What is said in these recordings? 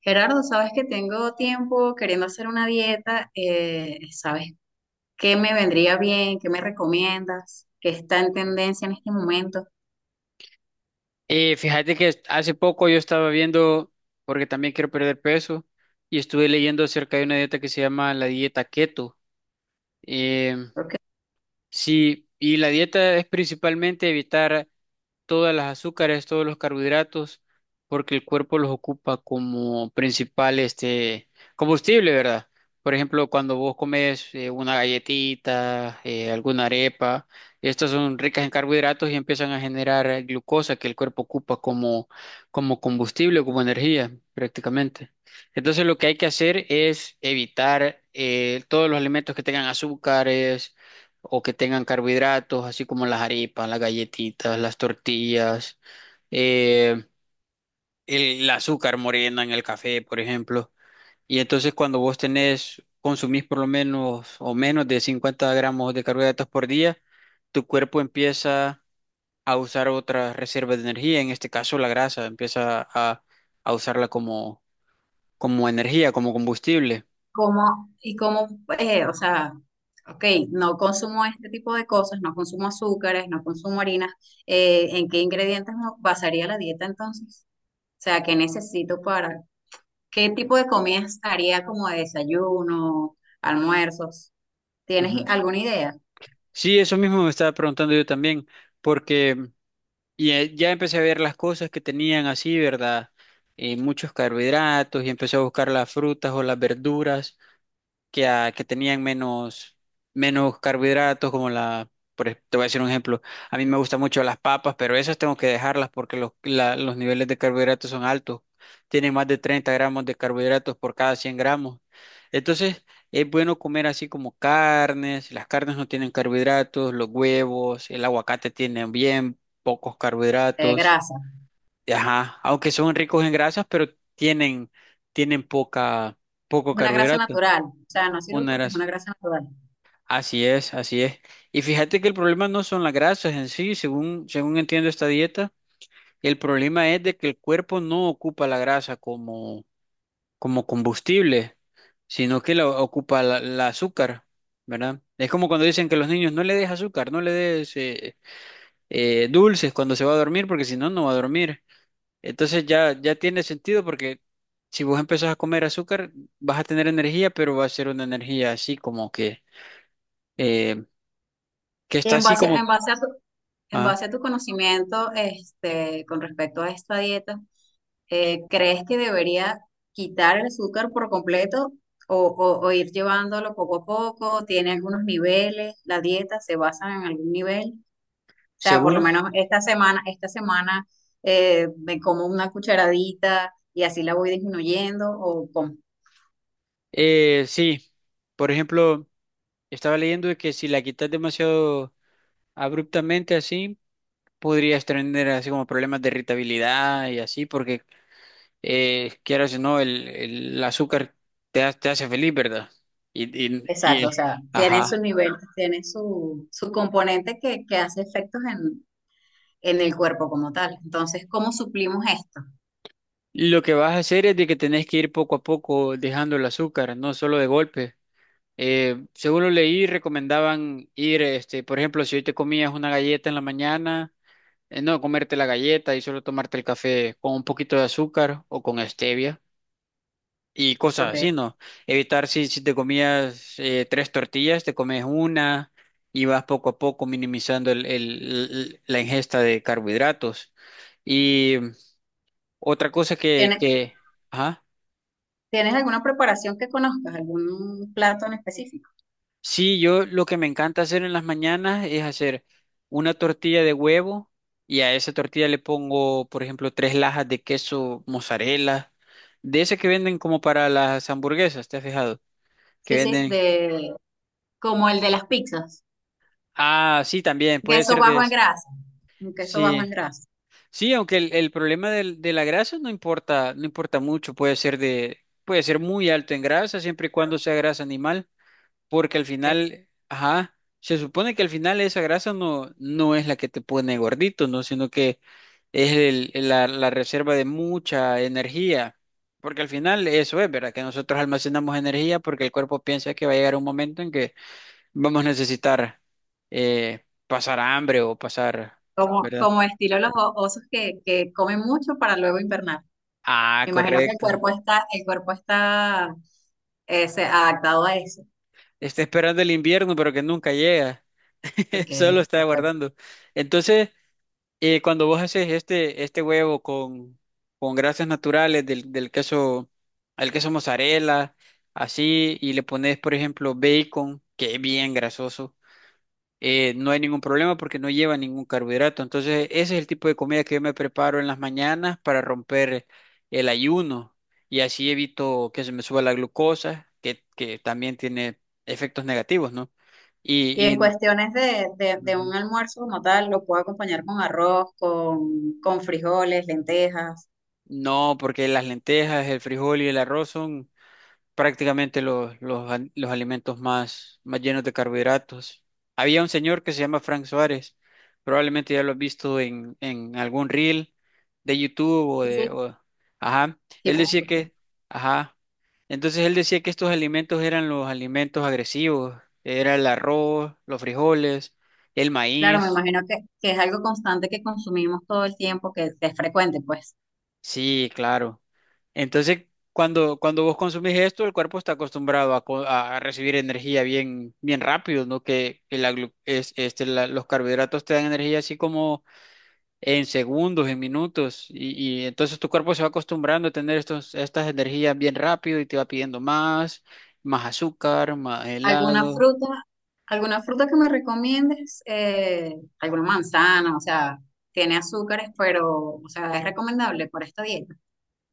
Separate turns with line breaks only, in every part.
Gerardo, sabes que tengo tiempo queriendo hacer una dieta, ¿sabes qué me vendría bien? ¿Qué me recomiendas? ¿Qué está en tendencia en este momento?
Fíjate que hace poco yo estaba viendo, porque también quiero perder peso, y estuve leyendo acerca de una dieta que se llama la dieta keto. Em,
Porque
sí, y la dieta es principalmente evitar todas las azúcares, todos los carbohidratos, porque el cuerpo los ocupa como principal este combustible, ¿verdad? Por ejemplo, cuando vos comes una galletita, alguna arepa, estas son ricas en carbohidratos y empiezan a generar glucosa que el cuerpo ocupa como combustible, como energía, prácticamente. Entonces, lo que hay que hacer es evitar todos los alimentos que tengan azúcares o que tengan carbohidratos, así como las arepas, las galletitas, las tortillas, eh, el azúcar morena en el café, por ejemplo. Y entonces cuando vos tenés, consumís por lo menos o menos de 50 gramos de carbohidratos por día, tu cuerpo empieza a usar otras reservas de energía, en este caso la grasa, empieza a usarla como energía, como combustible.
como, y como, o sea, ok, no consumo este tipo de cosas, no consumo azúcares, no consumo harinas, ¿en qué ingredientes me basaría la dieta entonces? O sea, ¿qué necesito para, qué tipo de comidas haría como de desayuno, almuerzos? ¿Tienes
Ujú.
alguna idea
Sí, eso mismo me estaba preguntando yo también, porque. Ya empecé a ver las cosas que tenían así, ¿verdad? Muchos carbohidratos y empecé a buscar las frutas o las verduras que tenían menos carbohidratos, como la, te voy a decir un ejemplo. A mí me gustan mucho las papas, pero esas tengo que dejarlas porque los niveles de carbohidratos son altos, tienen más de 30 gramos de carbohidratos por cada 100 gramos. Entonces, es bueno comer así como carnes, las carnes no tienen carbohidratos, los huevos, el aguacate tienen bien pocos
de
carbohidratos,
grasa?
ajá, aunque son ricos en grasas, pero tienen, tienen poca,
Es
poco
una grasa
carbohidrato,
natural, o sea, no sirve
una
porque es
grasa.
una grasa natural.
Así es, así es. Y fíjate que el problema no son las grasas en sí, según entiendo esta dieta, el problema es de que el cuerpo no ocupa la grasa como combustible, sino que la ocupa la azúcar, ¿verdad? Es como cuando dicen que los niños no le des azúcar, no le des dulces cuando se va a dormir, porque si no, no va a dormir. Entonces ya, ya tiene sentido porque si vos empezás a comer azúcar, vas a tener energía, pero va a ser una energía así como eh, que
y
está
En
así
base,
como.
en base a tu, en base a tu conocimiento, este, con respecto a esta dieta, ¿crees que debería quitar el azúcar por completo o, o ir llevándolo poco a poco? ¿Tiene algunos niveles? ¿La dieta se basa en algún nivel? O sea, por lo
Según,
menos esta semana me como una cucharadita y así la voy disminuyendo ¿o cómo?
sí, por ejemplo, estaba leyendo de que si la quitas demasiado abruptamente así, podrías tener así como problemas de irritabilidad y así, porque quieras o no, el azúcar te hace feliz, ¿verdad? Y, y,
Exacto,
y-
o sea, tiene su
ajá.
nivel, tiene su, su componente que hace efectos en el cuerpo como tal. Entonces, ¿cómo suplimos esto?
Lo que vas a hacer es de que tenés que ir poco a poco dejando el azúcar, no solo de golpe. Según lo leí, recomendaban ir, este, por ejemplo, si hoy te comías una galleta en la mañana no comerte la galleta y solo tomarte el café con un poquito de azúcar o con stevia y cosas
Okay.
así, ¿no? Evitar si te comías tres tortillas, te comes una y vas poco a poco minimizando la ingesta de carbohidratos. Y otra cosa que,
¿Tienes,
que, Ajá.
tienes alguna preparación que conozcas, algún plato en específico?
Sí, yo lo que me encanta hacer en las mañanas es hacer una tortilla de huevo y a esa tortilla le pongo, por ejemplo, tres lajas de queso mozzarella, de ese que venden como para las hamburguesas, ¿te has fijado? Que
Sí, sí,
venden.
de, como el de las pizzas,
Ah, sí, también puede
queso
ser de
bajo en
ese.
grasa, un queso bajo
Sí,
en grasa,
sí, aunque el problema de la grasa no importa, no importa mucho, puede ser muy alto en grasa siempre y cuando sea grasa animal. Porque al
ok.
final, ajá, se supone que al final esa grasa no, no es la que te pone gordito, ¿no? Sino que es la reserva de mucha energía. Porque al final eso es, ¿verdad? Que nosotros almacenamos energía porque el cuerpo piensa que va a llegar un momento en que vamos a necesitar pasar hambre o pasar,
Como,
¿verdad?
como estilo los osos que comen mucho para luego invernar.
Ah,
Me imagino que
correcto.
el cuerpo está adaptado a eso.
Está esperando el invierno, pero que nunca llega.
Ok,
Solo está
perfecto.
aguardando. Entonces. Y cuando vos haces este huevo con grasas naturales del queso, al queso mozzarella, así, y le pones, por ejemplo, bacon, que es bien grasoso, no hay ningún problema porque no lleva ningún carbohidrato. Entonces, ese es el tipo de comida que yo me preparo en las mañanas para romper el ayuno y así evito que se me suba la glucosa, que también tiene efectos negativos, ¿no?
Y
Y,
en
y
cuestiones de, de
Ujú.
un almuerzo como tal, lo puedo acompañar con arroz, con frijoles, lentejas.
No, porque las lentejas, el frijol y el arroz son prácticamente los alimentos más llenos de carbohidratos. Había un señor que se llama Frank Suárez, probablemente ya lo has visto en algún reel de YouTube
Sí, sí.
ajá,
Sí,
él
por
decía
supuesto.
que... Ajá. Entonces él decía que estos alimentos eran los alimentos agresivos, era el arroz, los frijoles, el
Claro, me
maíz.
imagino que es algo constante que consumimos todo el tiempo, que es frecuente, pues.
Sí, claro. Entonces, cuando vos consumís esto, el cuerpo está acostumbrado a recibir energía bien, bien rápido, ¿no? Que la glu- es- este, la- los carbohidratos te dan energía así como en segundos, en minutos, y entonces tu cuerpo se va acostumbrando a tener estas energías bien rápido y te va pidiendo más, más azúcar, más
¿Alguna
helado.
fruta, alguna fruta que me recomiendes? Alguna manzana, o sea, tiene azúcares, pero, o sea, ¿es recomendable para esta dieta?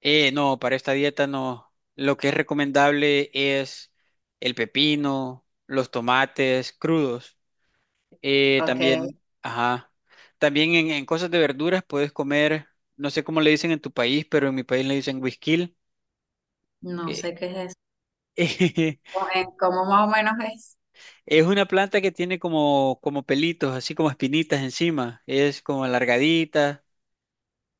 No, para esta dieta no. Lo que es recomendable es el pepino, los tomates crudos.
Ok,
También, ajá. También en cosas de verduras puedes comer, no sé cómo le dicen en tu país, pero en mi país le dicen güisquil,
no
que
sé qué es eso. ¿Cómo más o menos es?
es una planta que tiene como pelitos, así como espinitas encima. Es como alargadita,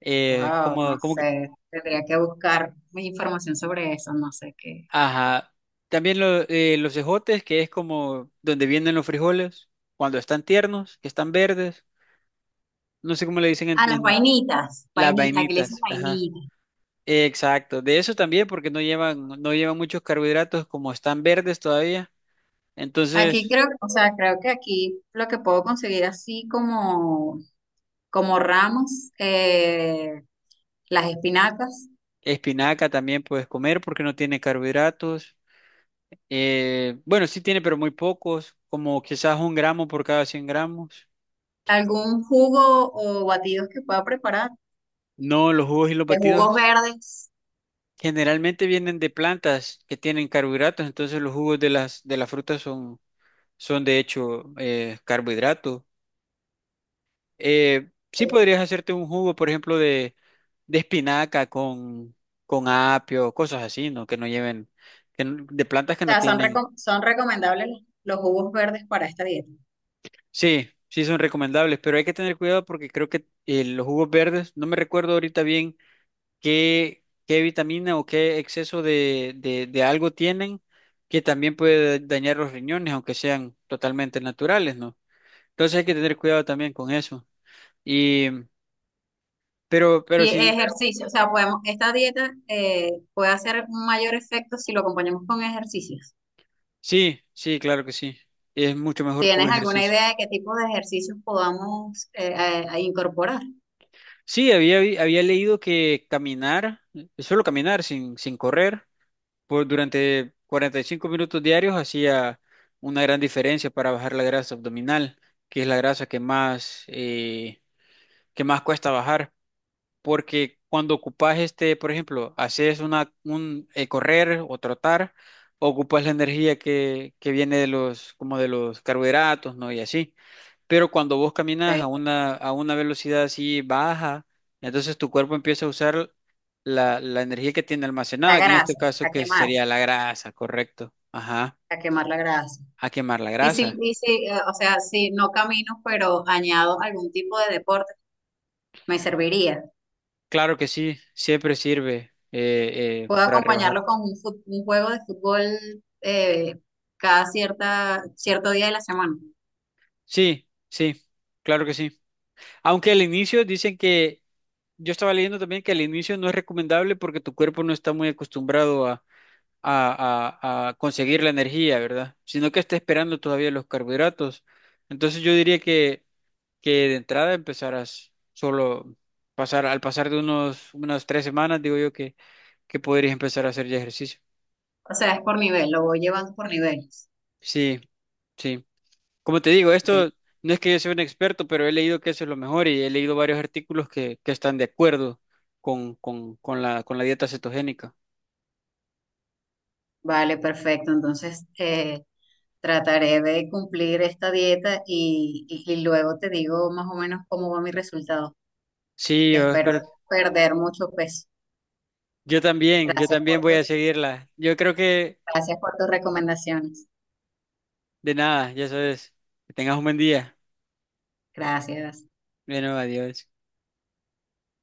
Wow, no
como que,
sé, tendría que buscar más información sobre eso, no sé qué.
ajá. También los ejotes, que es como donde vienen los frijoles, cuando están tiernos, que están verdes. No sé cómo le dicen en,
Ah, las
en
vainitas,
las
vainitas, aquí le dicen
vainitas, ajá.
vainitas.
Exacto, de eso también, porque no llevan muchos carbohidratos, como están verdes todavía.
Aquí
Entonces,
creo, o sea, creo que aquí lo que puedo conseguir así como, como ramos, las espinacas,
espinaca también puedes comer porque no tiene carbohidratos. Bueno, sí tiene, pero muy pocos, como quizás un gramo por cada 100 gramos.
algún jugo o batidos que pueda preparar,
No, los jugos y los
de jugos
batidos
verdes.
generalmente vienen de plantas que tienen carbohidratos, entonces los jugos de las frutas son de hecho, carbohidratos. Sí
O
podrías hacerte un jugo, por ejemplo, de espinaca con apio, cosas así, ¿no? Que no lleven, que no- de plantas que no
sea, son,
tienen.
¿son recomendables los jugos verdes para esta dieta?
Sí, sí son recomendables, pero hay que tener cuidado porque creo que los jugos verdes, no me recuerdo ahorita bien qué vitamina o qué exceso de algo tienen que también puede dañar los riñones, aunque sean totalmente naturales, ¿no? Entonces hay que tener cuidado también con eso. Y, pero, pero
Y
sí
ejercicio, o sea, podemos, esta dieta puede hacer un mayor efecto si lo acompañamos con ejercicios.
Sí, sí, claro que sí. Es mucho mejor con
¿Tienes alguna
ejercicio.
idea de qué tipo de ejercicios podamos a incorporar?
Sí, había leído que caminar, solo caminar sin correr, por, durante 45 minutos diarios hacía una gran diferencia para bajar la grasa abdominal, que es la grasa que más cuesta bajar. Porque cuando ocupas este, por ejemplo, haces una, un correr o trotar, ocupas la energía que viene de los, como de los carbohidratos, ¿no? Y así. Pero cuando vos caminas a
Ok.
una, a una velocidad así baja, entonces tu cuerpo empieza a usar la energía que tiene
La
almacenada, que en este
grasa,
caso que sería la grasa, correcto. Ajá,
a quemar la grasa.
a quemar la
Y si,
grasa.
o sea, si no camino, pero añado algún tipo de deporte, me serviría.
Claro que sí, siempre sirve
Puedo
para rebajar.
acompañarlo con un juego de fútbol eh, cada cierta, cierto día de la semana.
Sí, sí, claro que sí. Aunque al inicio dicen que, yo estaba leyendo también que al inicio no es recomendable porque tu cuerpo no está muy acostumbrado a conseguir la energía, ¿verdad? Sino que está esperando todavía los carbohidratos. Entonces yo diría que de entrada empezarás solo al pasar de unas 3 semanas, digo yo que podrías empezar a hacer ya ejercicio.
O sea, es por nivel, lo voy llevando por niveles.
Sí, sí. Como te digo,
Ok.
esto no es que yo sea un experto, pero he leído que eso es lo mejor y he leído varios artículos que están de acuerdo con la dieta cetogénica.
Vale, perfecto. Entonces, trataré de cumplir esta dieta y, y luego te digo más o menos cómo va mi resultado.
Sí,
Espero perder mucho peso.
yo
Gracias
también
por
voy a
tu-
seguirla. Yo creo que
Gracias por tus recomendaciones.
De nada, ya sabes. Que tengas un buen día.
Gracias.
Bueno, adiós.